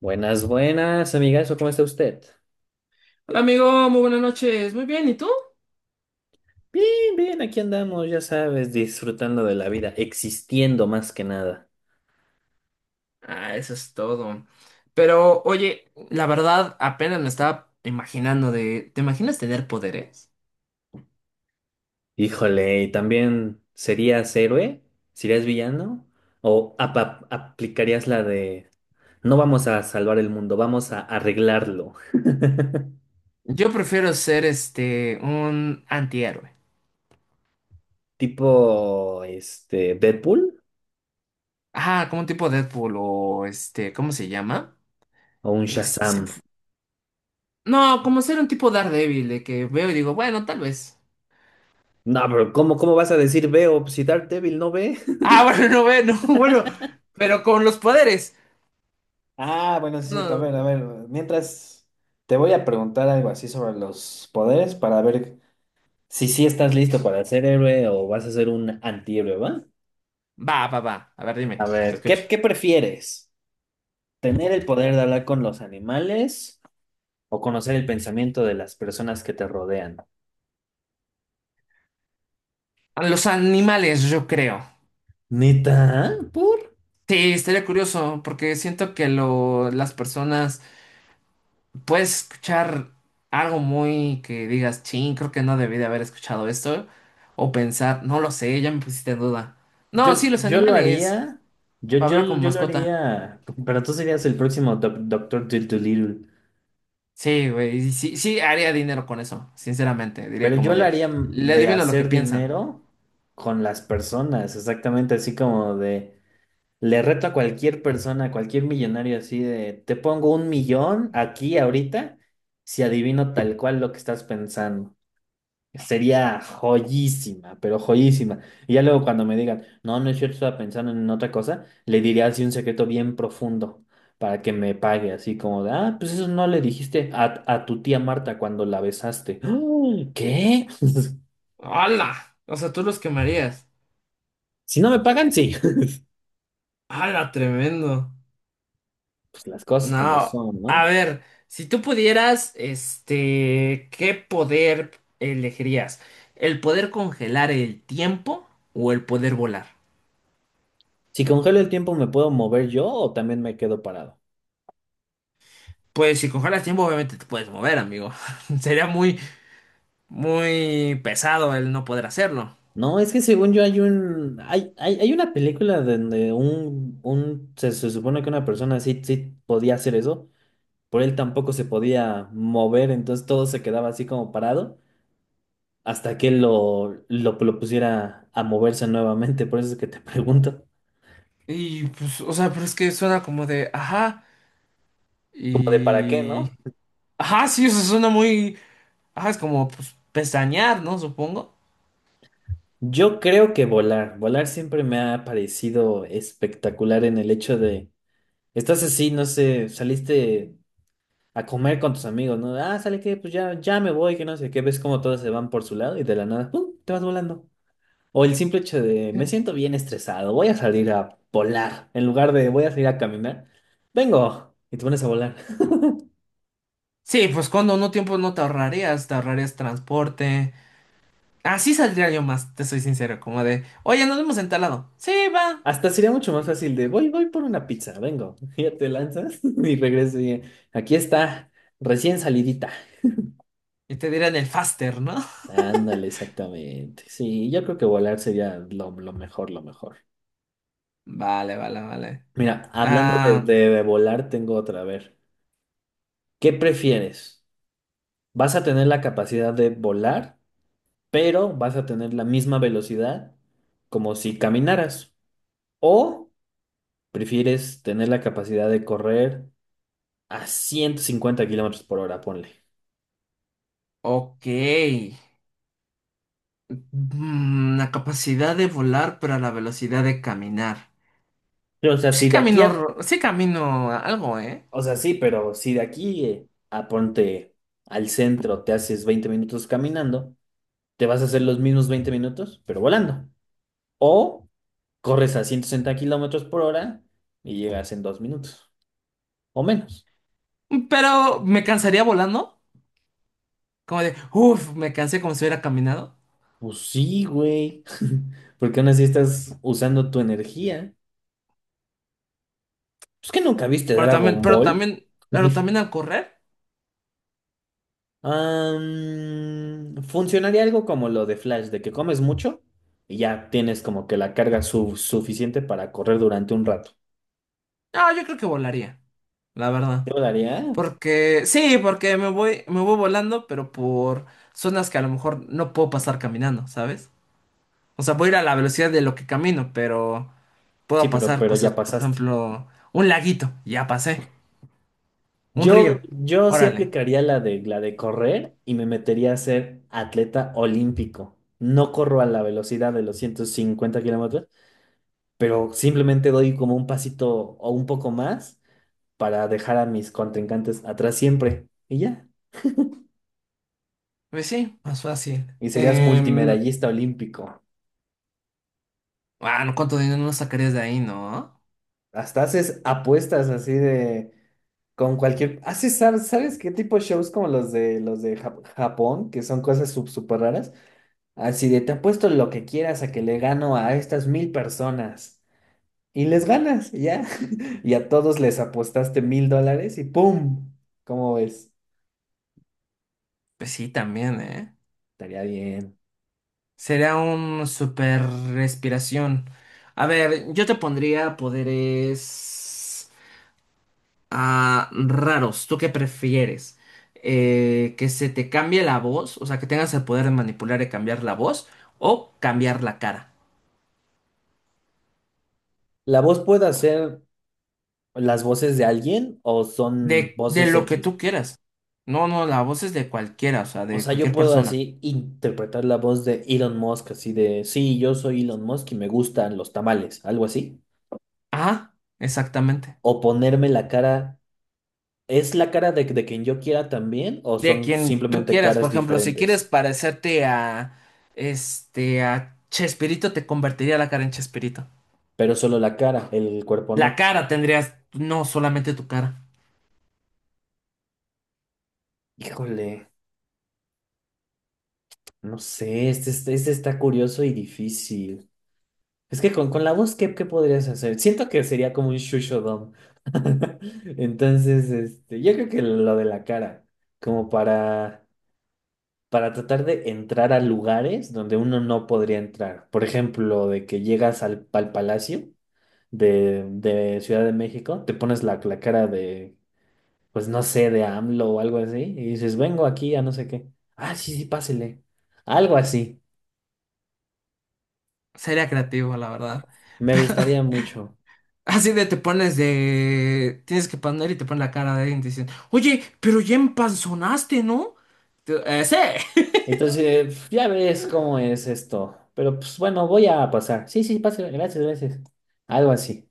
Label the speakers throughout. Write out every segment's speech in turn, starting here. Speaker 1: Buenas, buenas, amigazo, ¿cómo está usted?
Speaker 2: Hola amigo, muy buenas noches. Muy bien, ¿y tú?
Speaker 1: Bien, bien, aquí andamos, ya sabes, disfrutando de la vida, existiendo más que nada.
Speaker 2: Ah, eso es todo. Pero oye, la verdad apenas me estaba imaginando de... ¿Te imaginas tener poderes?
Speaker 1: Híjole, ¿y también serías héroe? ¿Serías villano? ¿O aplicarías la de no vamos a salvar el mundo, vamos a arreglarlo?
Speaker 2: Yo prefiero ser un antihéroe.
Speaker 1: Tipo, Deadpool
Speaker 2: Ajá, como un tipo Deadpool o ¿cómo se llama?
Speaker 1: o un
Speaker 2: Este, se me
Speaker 1: Shazam.
Speaker 2: fu- no, como ser un tipo Daredevil de que veo y digo, bueno, tal vez.
Speaker 1: No, pero ¿cómo vas a decir veo? Si Daredevil no ve.
Speaker 2: Ah, bueno, no ve, no, bueno, pero con los poderes.
Speaker 1: Ah, bueno, sí, es cierto. A
Speaker 2: No,
Speaker 1: ver, a ver. Mientras te voy a preguntar algo así sobre los poderes para ver si sí estás listo para ser héroe o vas a ser un antihéroe, ¿va?
Speaker 2: va, va, va. A ver, dime,
Speaker 1: A
Speaker 2: te
Speaker 1: ver, ¿qué,
Speaker 2: escucho.
Speaker 1: qué prefieres? ¿Tener el poder de hablar con los animales o conocer el pensamiento de las personas que te rodean?
Speaker 2: A los animales, yo creo.
Speaker 1: ¿Neta? ¿Por?
Speaker 2: Sí, estaría curioso, porque siento que las personas puedes escuchar algo muy que digas, ching, creo que no debí de haber escuchado esto, o pensar, no lo sé, ya me pusiste en duda.
Speaker 1: Yo,
Speaker 2: No, sí, los
Speaker 1: yo lo
Speaker 2: animales,
Speaker 1: haría. Yo,
Speaker 2: para hablar
Speaker 1: yo,
Speaker 2: con
Speaker 1: yo lo
Speaker 2: mascota.
Speaker 1: haría. Pero tú serías el próximo Doctor Dolittle.
Speaker 2: Sí, güey, y sí, sí, haría dinero con eso, sinceramente, diría
Speaker 1: Pero
Speaker 2: como
Speaker 1: yo lo
Speaker 2: de,
Speaker 1: haría
Speaker 2: le
Speaker 1: de
Speaker 2: adivino lo que
Speaker 1: hacer
Speaker 2: piensan.
Speaker 1: dinero con las personas, exactamente así como de, le reto a cualquier persona, a cualquier millonario así de, te pongo 1 millón aquí ahorita si adivino tal cual lo que estás pensando. Sería joyísima, pero joyísima. Y ya luego cuando me digan, no, no es cierto, estaba pensando en otra cosa, le diría así un secreto bien profundo para que me pague, así como de, ah, pues eso no le dijiste a tu tía Marta cuando la besaste. ¿Qué?
Speaker 2: ¡Hala! O sea, tú los quemarías.
Speaker 1: Si no me pagan, sí.
Speaker 2: ¡Hala, tremendo!
Speaker 1: Pues las cosas como
Speaker 2: No,
Speaker 1: son,
Speaker 2: a
Speaker 1: ¿no?
Speaker 2: ver, si tú pudieras, ¿qué poder elegirías? ¿El poder congelar el tiempo o el poder volar?
Speaker 1: Si congelo el tiempo, ¿me puedo mover yo o también me quedo parado?
Speaker 2: Pues si congelas tiempo, obviamente te puedes mover, amigo. Sería muy pesado el no poder hacerlo.
Speaker 1: No, es que según yo hay una película donde se, se supone que una persona sí, sí podía hacer eso, pero él tampoco se podía mover, entonces todo se quedaba así como parado hasta que él lo pusiera a moverse nuevamente. Por eso es que te pregunto,
Speaker 2: Y pues, o sea, pero es que suena como de, ajá,
Speaker 1: como de para qué,
Speaker 2: y...
Speaker 1: ¿no?
Speaker 2: Ajá, sí, o sea, suena muy... Ajá, es como, pues, pestañear, ¿no? Supongo.
Speaker 1: Yo creo que volar, volar siempre me ha parecido espectacular en el hecho de. Estás así, no sé, saliste a comer con tus amigos, ¿no? Ah, ¿sale que? Pues ya, ya me voy, que no sé qué. Ves como todos se van por su lado y de la nada, ¡pum! Te vas volando. O el simple hecho de, me siento bien estresado, voy a salir a volar. En lugar de, voy a salir a caminar, vengo. Y te pones a volar.
Speaker 2: Sí, pues cuando no tiempo no te ahorrarías, te ahorrarías transporte. Así saldría yo más, te soy sincero, como de, oye, nos vemos en tal lado. Sí, va.
Speaker 1: Hasta sería mucho más
Speaker 2: Y
Speaker 1: fácil de, voy por una pizza, vengo. Y ya te lanzas y regresas y aquí está, recién salidita.
Speaker 2: y te dirán el faster, ¿no?
Speaker 1: Ándale, exactamente. Sí, yo creo que volar sería lo mejor, lo mejor.
Speaker 2: Vale, vale, vale.
Speaker 1: Mira, hablando de,
Speaker 2: Ah,
Speaker 1: de- volar, tengo otra. A ver, ¿qué prefieres? ¿Vas a tener la capacidad de volar, pero vas a tener la misma velocidad como si caminaras? ¿O prefieres tener la capacidad de correr a 150 kilómetros por hora? Ponle.
Speaker 2: ok. La capacidad de volar, pero a la velocidad de caminar.
Speaker 1: Pero, o sea,
Speaker 2: Sí
Speaker 1: si de aquí
Speaker 2: camino,
Speaker 1: a.
Speaker 2: sí camino algo, ¿eh?
Speaker 1: O sea, sí, pero si de aquí a ponte al centro te haces 20 minutos caminando, te vas a hacer los mismos 20 minutos, pero volando. O corres a 160 kilómetros por hora y llegas en 2 minutos o menos.
Speaker 2: Pero me cansaría volando. Como de, uff, me cansé como si hubiera caminado.
Speaker 1: Pues sí, güey. Porque aún así estás usando tu energía. Pues que nunca viste Dragon Ball.
Speaker 2: Pero
Speaker 1: Uy.
Speaker 2: también al correr.
Speaker 1: Funcionaría algo como lo de Flash, de que comes mucho y ya tienes como que la carga suficiente para correr durante un rato.
Speaker 2: No, yo creo que volaría, la verdad.
Speaker 1: ¿Te lo daría?
Speaker 2: Porque, sí, porque me voy volando, pero por zonas que a lo mejor no puedo pasar caminando, ¿sabes? O sea, voy a ir a la velocidad de lo que camino, pero
Speaker 1: Sí,
Speaker 2: puedo
Speaker 1: pero,
Speaker 2: pasar
Speaker 1: pero
Speaker 2: cosas,
Speaker 1: ya
Speaker 2: por
Speaker 1: pasaste.
Speaker 2: ejemplo, un laguito, ya pasé, un
Speaker 1: Yo,
Speaker 2: río,
Speaker 1: yo sí
Speaker 2: órale.
Speaker 1: aplicaría la de correr y me metería a ser atleta olímpico. No corro a la velocidad de los 150 kilómetros, pero simplemente doy como un pasito o un poco más para dejar a mis contrincantes atrás siempre. Y ya.
Speaker 2: Pues sí, más fácil.
Speaker 1: Y serías
Speaker 2: Em,
Speaker 1: multimedallista olímpico.
Speaker 2: bueno, ¿cuánto dinero no sacarías de ahí, no?
Speaker 1: Hasta haces apuestas así de con cualquier. Haces, ¿sabes qué tipo de shows como los de Japón, que son cosas súper raras? Así de, te apuesto lo que quieras a que le gano a estas 1000 personas. Y les ganas, ya. Y a todos les apostaste $1000 y ¡pum! ¿Cómo ves?
Speaker 2: Pues sí, también, ¿eh?
Speaker 1: Estaría bien.
Speaker 2: Sería un super respiración. A ver, yo te pondría poderes a raros. ¿Tú qué prefieres? ¿Que se te cambie la voz? O sea, que tengas el poder de manipular y cambiar la voz o cambiar la cara.
Speaker 1: ¿La voz puede hacer las voces de alguien o son
Speaker 2: De
Speaker 1: voces
Speaker 2: lo que
Speaker 1: X?
Speaker 2: tú quieras. No, no, la voz es de cualquiera, o sea,
Speaker 1: O
Speaker 2: de
Speaker 1: sea, yo
Speaker 2: cualquier
Speaker 1: puedo
Speaker 2: persona.
Speaker 1: así interpretar la voz de Elon Musk, así de, sí, yo soy Elon Musk y me gustan los tamales, algo así.
Speaker 2: Ajá, exactamente.
Speaker 1: O ponerme la cara, ¿es la cara de quien yo quiera también o
Speaker 2: De
Speaker 1: son
Speaker 2: quien tú
Speaker 1: simplemente
Speaker 2: quieras, por
Speaker 1: caras
Speaker 2: ejemplo, si quieres
Speaker 1: diferentes?
Speaker 2: parecerte a a Chespirito, te convertiría la cara en Chespirito.
Speaker 1: Pero solo la cara, el cuerpo
Speaker 2: La
Speaker 1: no.
Speaker 2: cara tendrías, no solamente tu cara.
Speaker 1: Híjole, no sé, este está curioso y difícil. Es que con la voz, ¿qué podrías hacer? Siento que sería como un shushodom. Entonces, yo creo que lo de la cara, como para tratar de entrar a lugares donde uno no podría entrar. Por ejemplo, de que llegas al Palacio de Ciudad de México, te pones la cara de pues no sé, de AMLO o algo así, y dices, vengo aquí a no sé qué. Ah, sí, sí, pásele. Algo así.
Speaker 2: Sería creativo, la verdad.
Speaker 1: Me gustaría mucho.
Speaker 2: Así de te pones de... Tienes que poner y te pones la cara de alguien y te dicen, oye, pero ya empanzonaste, ¿no? Tú, sí.
Speaker 1: Entonces, ya ves cómo es esto. Pero pues bueno, voy a pasar. Sí, sí, pásele. Gracias, gracias. Algo así.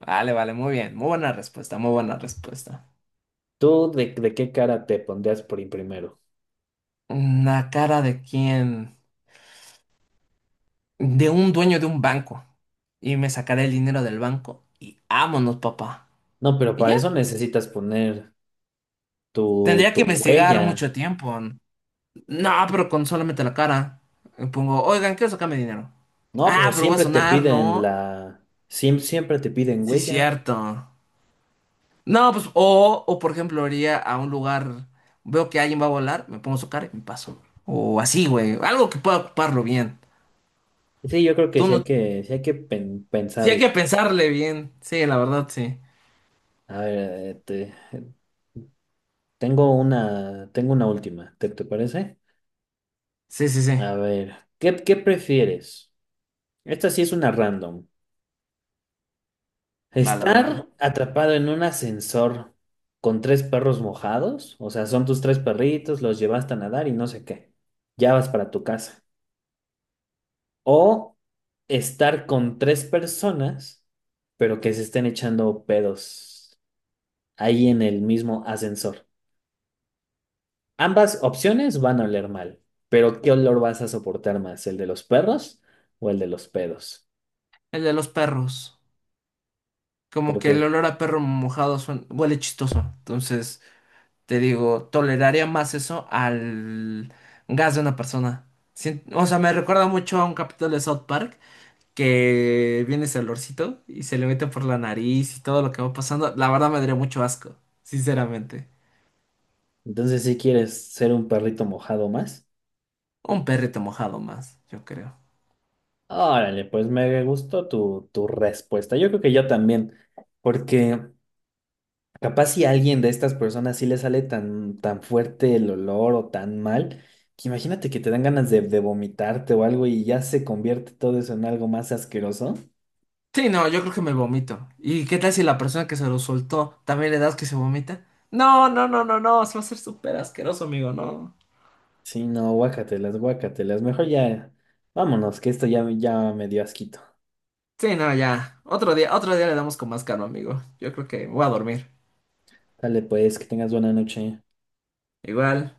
Speaker 2: Vale, vale, muy bien. Muy buena respuesta, muy buena respuesta.
Speaker 1: ¿Tú de qué cara te pondrías por ir primero?
Speaker 2: ¿La cara de quién? De un dueño de un banco. Y me sacaré el dinero del banco y vámonos, papá.
Speaker 1: No, pero
Speaker 2: Y
Speaker 1: para
Speaker 2: ya.
Speaker 1: eso necesitas poner tu,
Speaker 2: Tendría
Speaker 1: tu
Speaker 2: que investigar
Speaker 1: huella.
Speaker 2: mucho tiempo. No, pero con solamente la cara. Me pongo, oigan, quiero sacarme dinero.
Speaker 1: No,
Speaker 2: Ah,
Speaker 1: pero
Speaker 2: pero voy a
Speaker 1: siempre te
Speaker 2: sonar,
Speaker 1: piden
Speaker 2: ¿no?
Speaker 1: la. Siempre, siempre te piden
Speaker 2: Sí,
Speaker 1: huella.
Speaker 2: cierto. No, pues, o por ejemplo, iría a un lugar, veo que alguien va a volar, me pongo su cara y me paso. O así, güey. Algo que pueda ocuparlo bien.
Speaker 1: Sí, yo creo que
Speaker 2: Tú
Speaker 1: sí hay
Speaker 2: no.
Speaker 1: que, sí hay que pen-
Speaker 2: Sí, hay
Speaker 1: pensarlo.
Speaker 2: que pensarle bien. Sí, la verdad, sí.
Speaker 1: A ver, eh, te- tengo una última, ¿te parece?
Speaker 2: Sí, sí, sí.
Speaker 1: A ver, ¿qué prefieres? Esta sí es una random.
Speaker 2: Vale, vale, vale.
Speaker 1: ¿Estar atrapado en un ascensor con tres perros mojados? O sea, son tus tres perritos, los llevaste a nadar y no sé qué. Ya vas para tu casa. O estar con tres personas, pero que se estén echando pedos ahí en el mismo ascensor. Ambas opciones van a oler mal, pero ¿qué olor vas a soportar más? ¿El de los perros o el de los pedos?
Speaker 2: El de los perros. Como
Speaker 1: ¿Por
Speaker 2: que el
Speaker 1: qué?
Speaker 2: olor a perro mojado suena- huele chistoso. Entonces, te digo, toleraría más eso al gas de una persona. Sien- O sea, me recuerda mucho a un capítulo de South Park que viene ese olorcito y se le mete por la nariz y todo lo que va pasando, la verdad me daría mucho asco, sinceramente.
Speaker 1: Entonces, si quieres ser un perrito mojado más,
Speaker 2: Un perrito mojado más, yo creo.
Speaker 1: órale, pues me gustó tu, tu respuesta. Yo creo que yo también, porque capaz si a alguien de estas personas sí le sale tan, tan fuerte el olor o tan mal, que imagínate que te dan ganas de vomitarte o algo y ya se convierte todo eso en algo más asqueroso.
Speaker 2: Sí, no, yo creo que me vomito. ¿Y qué tal si la persona que se lo soltó también le das que se vomita? No, no, no, no, no, se va a hacer súper asqueroso, amigo, no.
Speaker 1: Sí, no, guácatelas, guácatelas. Mejor ya, vámonos, que esto ya, ya me dio asquito.
Speaker 2: Sí, no, ya. Otro día le damos con más calma, amigo. Yo creo que voy a dormir.
Speaker 1: Dale pues, que tengas buena noche.
Speaker 2: Igual.